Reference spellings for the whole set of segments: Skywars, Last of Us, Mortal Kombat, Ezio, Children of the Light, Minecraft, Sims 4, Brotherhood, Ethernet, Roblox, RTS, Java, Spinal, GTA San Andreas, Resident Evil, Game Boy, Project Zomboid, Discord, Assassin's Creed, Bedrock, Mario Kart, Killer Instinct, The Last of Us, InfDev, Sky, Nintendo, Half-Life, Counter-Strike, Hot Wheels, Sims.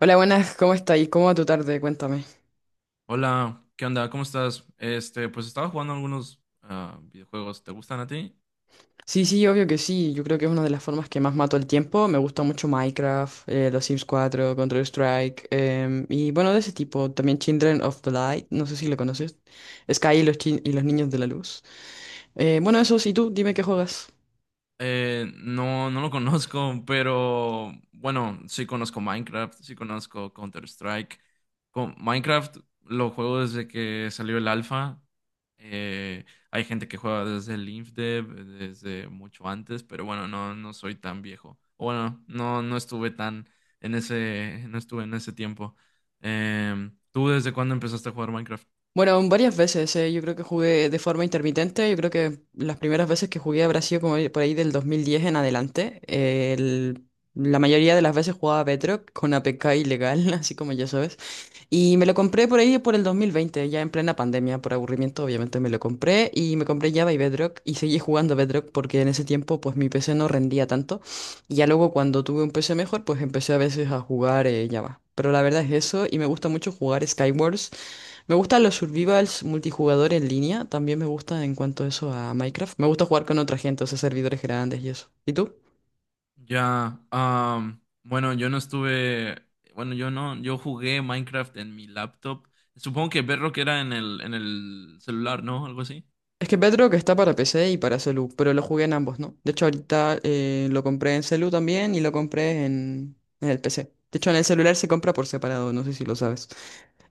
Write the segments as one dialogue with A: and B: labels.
A: Hola, buenas, ¿cómo estáis? ¿Cómo va tu tarde? Cuéntame.
B: Hola, ¿qué onda? ¿Cómo estás? Este, pues estaba jugando algunos videojuegos. ¿Te gustan a ti?
A: Sí, sí, obvio que sí. Yo creo que es una de las formas que más mato el tiempo. Me gusta mucho Minecraft, los Sims 4, Counter-Strike, y bueno, de ese tipo. También Children of the Light, no sé si lo conoces. Sky y los Niños de la Luz. Bueno, eso sí, tú, dime qué juegas.
B: No lo conozco, pero bueno, sí conozco Minecraft, sí conozco Counter-Strike. Con Minecraft lo juego desde que salió el alfa. Eh, Hay gente que juega desde el InfDev, desde mucho antes, pero bueno, no soy tan viejo. O bueno, no estuve tan no estuve en ese tiempo. ¿Tú desde cuándo empezaste a jugar Minecraft?
A: Bueno, varias veces, yo creo que jugué de forma intermitente, yo creo que las primeras veces que jugué habrá sido como por ahí del 2010 en adelante. La mayoría de las veces jugaba Bedrock con APK ilegal, así como ya sabes. Y me lo compré por ahí por el 2020 ya en plena pandemia, por aburrimiento, obviamente me lo compré y me compré Java y Bedrock y seguí jugando a Bedrock porque en ese tiempo pues mi PC no rendía tanto y ya luego cuando tuve un PC mejor pues empecé a veces a jugar Java. Pero la verdad es eso y me gusta mucho jugar Skywars. Me gustan los survivals multijugador en línea, también me gusta en cuanto a eso a Minecraft. Me gusta jugar con otra gente, o sea, servidores grandes y eso. ¿Y tú?
B: Ya, bueno, yo no estuve, bueno, yo no, yo jugué Minecraft en mi laptop. Supongo que Bedrock era en el celular, ¿no? Algo así.
A: Es que Bedrock está para PC y para celu, pero lo jugué en ambos, ¿no? De hecho, ahorita lo compré en celu también y lo compré en el PC. De hecho, en el celular se compra por separado, no sé si lo sabes.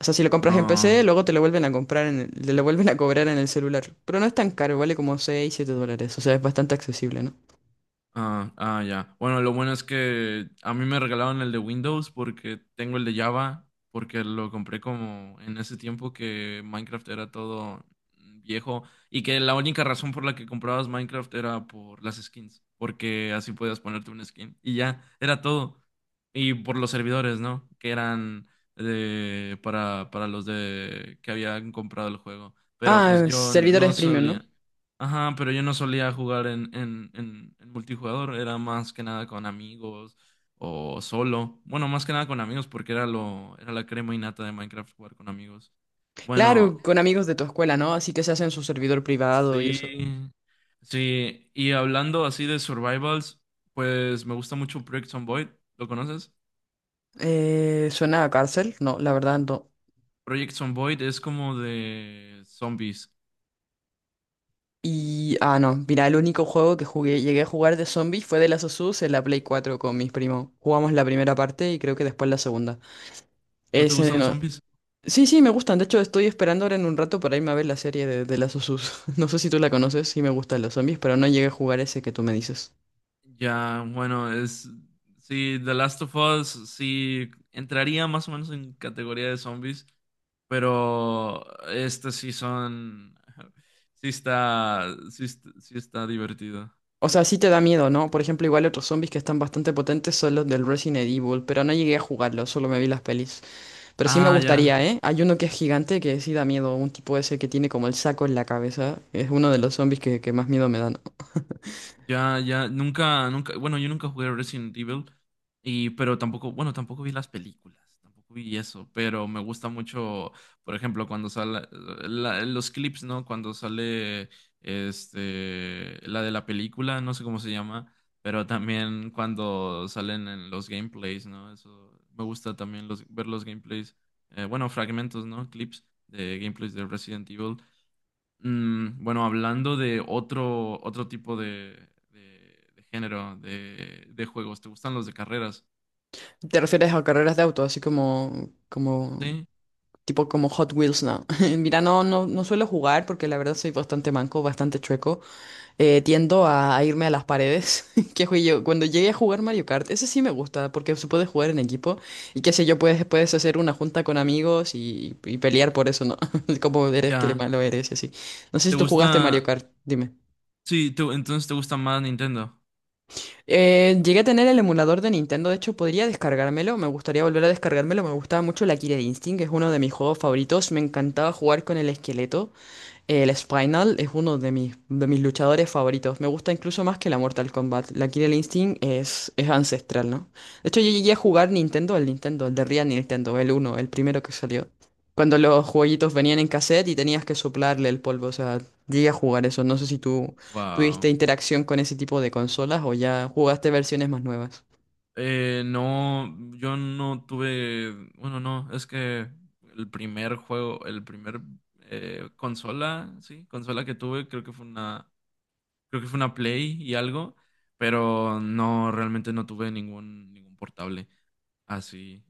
A: O sea, si lo compras en PC,
B: No.
A: luego te lo vuelven a cobrar en el celular. Pero no es tan caro, vale como 6 7 dólares. O sea, es bastante accesible, ¿no?
B: Ah, ah, ya. Bueno, lo bueno es que a mí me regalaron el de Windows porque tengo el de Java, porque lo compré como en ese tiempo que Minecraft era todo viejo y que la única razón por la que comprabas Minecraft era por las skins, porque así podías ponerte una skin y ya, era todo. Y por los servidores, ¿no? Que eran para los de que habían comprado el juego. Pero pues
A: Ah,
B: yo no
A: servidores premium, ¿no?
B: solía. Ajá, pero yo no solía jugar en multijugador, era más que nada con amigos o solo. Bueno, más que nada con amigos porque era la crema innata de Minecraft jugar con amigos. Bueno,
A: Claro, con amigos de tu escuela, ¿no? Así que se hacen su servidor privado y eso.
B: sí, sí, y hablando así de survivals, pues me gusta mucho Project Zomboid, ¿lo conoces?
A: ¿Suena a cárcel? No, la verdad no.
B: Project Zomboid es como de zombies.
A: Y, no, mira, el único juego que jugué, llegué a jugar de zombies fue de Last of Us en la Play 4 con mis primos. Jugamos la primera parte y creo que después la segunda.
B: ¿No te
A: Ese
B: gustan los
A: no-
B: zombies?
A: Sí, sí, me gustan. De hecho, estoy esperando ahora en un rato para irme a ver la serie de Last of Us. No sé si tú la conoces, sí me gustan los zombies, pero no llegué a jugar ese que tú me dices.
B: Ya, bueno, es. Sí, The Last of Us sí entraría más o menos en categoría de zombies, pero este sí son. Sí está. Sí, sí está divertido.
A: O sea, sí te da miedo, ¿no? Por ejemplo, igual otros zombies que están bastante potentes son los del Resident Evil, pero no llegué a jugarlos, solo me vi las pelis. Pero sí me
B: Ah, ya.
A: gustaría, ¿eh? Hay uno que es gigante que sí da miedo, un tipo ese que tiene como el saco en la cabeza. Es uno de los zombies que más miedo me dan.
B: Ya, ya, nunca, bueno, yo nunca jugué Resident Evil, y, pero tampoco, bueno, tampoco vi las películas, tampoco vi eso, pero me gusta mucho, por ejemplo, cuando sale, los clips, ¿no? Cuando sale, este, la de la película, no sé cómo se llama, pero también cuando salen en los gameplays, ¿no? Eso, me gusta también ver los gameplays, bueno, fragmentos, ¿no? Clips de gameplays de Resident Evil. Mm, bueno, hablando de otro tipo de género de juegos, ¿te gustan los de carreras?
A: Te refieres a carreras de auto, así
B: Sí,
A: tipo como Hot Wheels, ¿no? Mira, no, no, no suelo jugar porque la verdad soy bastante manco, bastante chueco. Tiendo a irme a las paredes. Que fui yo, cuando llegué a jugar Mario Kart, ese sí me gusta, porque se puede jugar en equipo y qué sé yo, puedes hacer una junta con amigos y pelear por eso, ¿no? Como eres que
B: ya.
A: malo eres y así. No sé si
B: ¿Te
A: tú jugaste Mario
B: gusta?
A: Kart, dime.
B: Sí, entonces te gusta más Nintendo.
A: Llegué a tener el emulador de Nintendo, de hecho podría descargármelo, me gustaría volver a descargármelo, me gustaba mucho la Killer Instinct, es uno de mis juegos favoritos, me encantaba jugar con el esqueleto. El Spinal es uno de mis luchadores favoritos. Me gusta incluso más que la Mortal Kombat. La Killer Instinct es ancestral, ¿no? De hecho, yo llegué a jugar Nintendo, el de Real Nintendo, el uno el primero que salió. Cuando los jueguitos venían en cassette y tenías que soplarle el polvo. O sea, llegué a jugar eso. No sé si tú tuviste
B: Wow.
A: interacción con ese tipo de consolas o ya jugaste versiones más nuevas.
B: No, yo no tuve. Bueno, no, es que el primer juego, el primer consola, sí, consola que tuve, creo que fue una, creo que fue una Play y algo, pero no, realmente no tuve ningún portable. Así.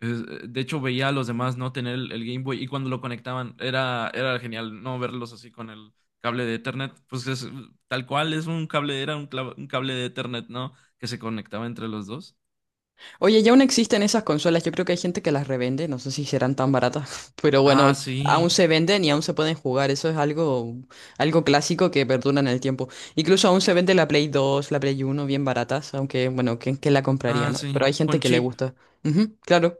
B: De hecho, veía a los demás no tener el Game Boy y cuando lo conectaban era genial no verlos así con el cable de Ethernet. Pues es tal cual, era un, un cable de Ethernet, ¿no? Que se conectaba entre los dos.
A: Oye, ya aún existen esas consolas, yo creo que hay gente que las revende, no sé si serán tan baratas, pero bueno,
B: Ah, sí.
A: aún se venden y aún se pueden jugar, eso es algo clásico que perdura en el tiempo. Incluso aún se vende la Play 2, la Play 1, bien baratas, aunque bueno, ¿quién la compraría,
B: Ah,
A: no?
B: sí.
A: Pero hay gente
B: Con
A: que le
B: chip.
A: gusta. Ujú, claro.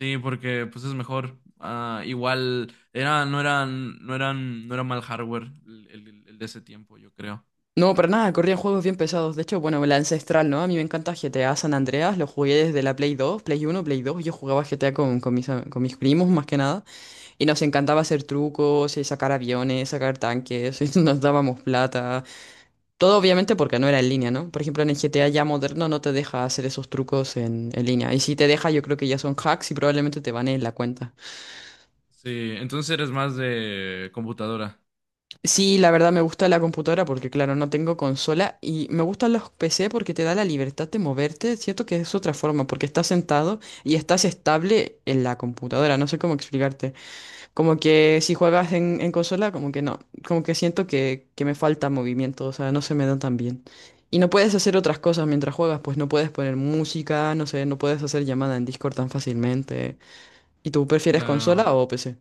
B: Sí, porque pues es mejor. Ah, igual era, no eran, no era mal hardware el de ese tiempo, yo creo.
A: No, para nada, corrían juegos bien pesados. De hecho, bueno, la ancestral, ¿no? A mí me encanta GTA San Andreas, lo jugué desde la Play 2, Play 1, Play 2. Yo jugaba GTA con mis primos más que nada. Y nos encantaba hacer trucos, y sacar aviones, sacar tanques, y nos dábamos plata. Todo obviamente porque no era en línea, ¿no? Por ejemplo, en el GTA ya moderno no te deja hacer esos trucos en línea. Y si te deja, yo creo que ya son hacks y probablemente te baneen la cuenta.
B: Sí, entonces eres más de computadora.
A: Sí, la verdad me gusta la computadora porque, claro, no tengo consola. Y me gustan los PC porque te da la libertad de moverte. Siento que es otra forma, porque estás sentado y estás estable en la computadora. No sé cómo explicarte. Como que si juegas en consola, como que no. Como que siento que me falta movimiento, o sea, no se me dan tan bien. Y no puedes hacer otras cosas mientras juegas, pues no puedes poner música, no sé, no puedes hacer llamada en Discord tan fácilmente. ¿Y tú prefieres
B: Claro.
A: consola o PC?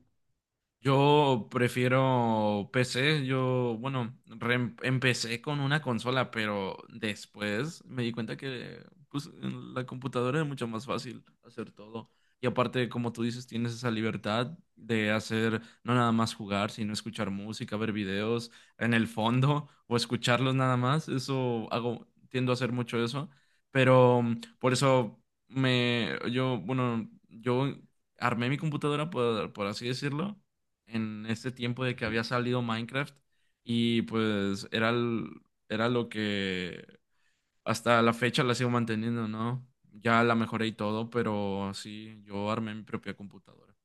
B: Yo prefiero PC, yo, bueno, empecé con una consola, pero después me di cuenta que pues, en la computadora es mucho más fácil hacer todo. Y aparte, como tú dices, tienes esa libertad de hacer no nada más jugar, sino escuchar música, ver videos en el fondo o escucharlos nada más. Eso hago, tiendo a hacer mucho eso, pero mm, por eso yo, bueno, yo armé mi computadora, por así decirlo en este tiempo de que había salido Minecraft y pues era lo que hasta la fecha la sigo manteniendo, ¿no? Ya la mejoré y todo, pero sí, yo armé mi propia computadora.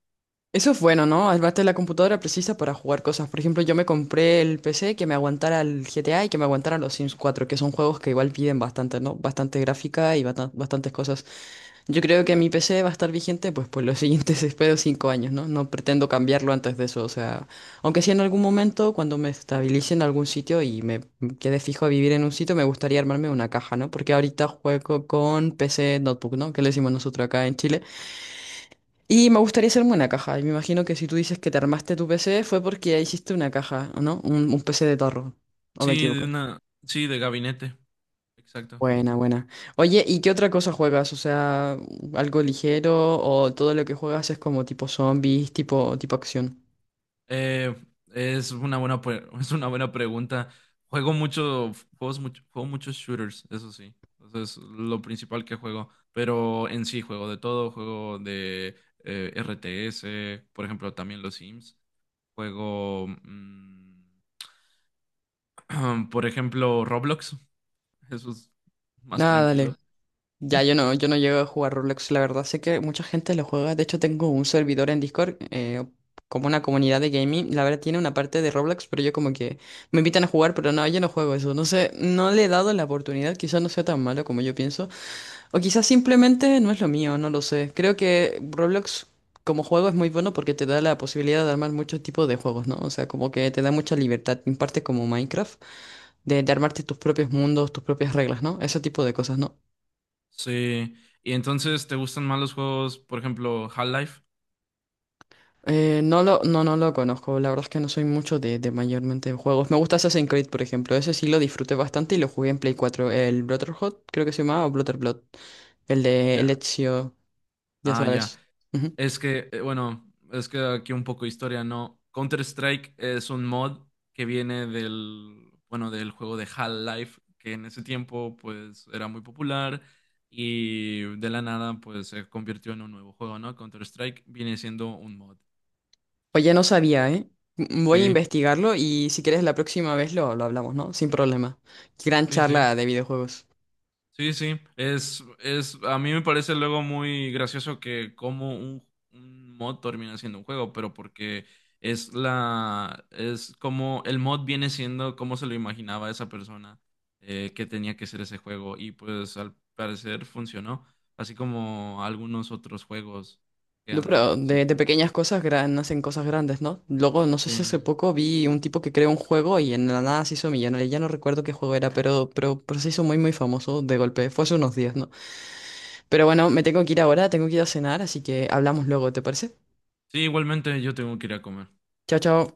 A: Eso es bueno,
B: Gracias.
A: ¿no? Además, la computadora precisa para jugar cosas. Por ejemplo, yo me compré el PC que me aguantara el GTA y que me aguantara los Sims 4, que son juegos que igual piden bastante, ¿no? Bastante gráfica y bastantes cosas. Yo creo que mi PC va a estar vigente pues por los siguientes, espero, 5 años, ¿no? No pretendo cambiarlo antes de eso, o sea, aunque sí en algún momento, cuando me estabilice en algún sitio y me quede fijo a vivir en un sitio, me gustaría armarme una caja, ¿no? Porque ahorita juego con PC Notebook, ¿no? Que le decimos nosotros acá en Chile. Y me gustaría hacerme una caja. Y me imagino que si tú dices que te armaste tu PC fue porque hiciste una caja, ¿o no? Un PC de tarro. ¿O me
B: Sí, de
A: equivoco?
B: una, sí, de gabinete, exacto.
A: Buena, buena. Oye, ¿y qué otra cosa juegas? O sea, algo ligero o todo lo que juegas es como tipo zombies, tipo acción.
B: Eh, es una buena, pre- es una buena pregunta. Juego mucho, juegos mucho, juego muchos shooters, eso sí. Eso es lo principal que juego. Pero en sí juego de todo, juego de RTS, por ejemplo, también los Sims. Juego, mm, por ejemplo, Roblox. Eso es más
A: Nada,
B: tranquilo.
A: dale. Ya yo no llego a jugar Roblox, la verdad. Sé que mucha gente lo juega. De hecho, tengo un servidor en Discord, como una comunidad de gaming. La verdad tiene una parte de Roblox, pero yo como que me invitan a jugar, pero no, yo no juego eso. No sé, no le he dado la oportunidad. Quizás no sea tan malo como yo pienso. O quizás simplemente no es lo mío, no lo sé. Creo que Roblox como juego es muy bueno porque te da la posibilidad de armar muchos tipos de juegos, ¿no? O sea, como que te da mucha libertad, en parte como Minecraft, de armarte tus propios mundos, tus propias reglas, ¿no? Ese tipo de cosas, ¿no?
B: Sí. Y entonces, ¿te gustan más los juegos, por ejemplo, Half-Life?
A: No lo, no, no lo conozco, la verdad es que no soy mucho de mayormente juegos. Me gusta Assassin's Creed, por ejemplo, ese sí lo disfruté bastante y lo jugué en Play 4 El Brotherhood, creo que se llamaba, o blood el de el
B: Ya.
A: Ezio, ya
B: Ah, ya.
A: sabes. Ujú.
B: Es que, bueno, es que aquí un poco de historia, ¿no? Counter-Strike es un mod que viene del, bueno, del juego de Half-Life, que en ese tiempo, pues, era muy popular y de la nada, pues, se convirtió en un nuevo juego, ¿no? Counter-Strike viene siendo un mod.
A: Oye, no sabía, ¿eh? Voy a
B: Sí,
A: investigarlo y si quieres la próxima vez lo hablamos, ¿no? Sin problema. Gran
B: sí, sí.
A: charla de videojuegos.
B: Sí, sí, es, a mí me parece luego muy gracioso que como un mod termina siendo un juego, pero porque es como el mod viene siendo como se lo imaginaba esa persona que tenía que ser ese juego y pues al parecer funcionó, así como algunos otros juegos que
A: No, pero
B: han
A: de
B: surgido.
A: pequeñas cosas nacen cosas grandes, ¿no? Luego, no sé
B: Sí,
A: si hace poco vi un tipo que creó un juego y en la nada se hizo millonario. Ya no recuerdo qué juego era, pero se hizo muy, muy famoso de golpe. Fue hace unos días, ¿no? Pero bueno, me tengo que ir ahora, tengo que ir a cenar, así que hablamos luego, ¿te parece?
B: sí, igualmente yo tengo que ir a comer.
A: Chao, chao.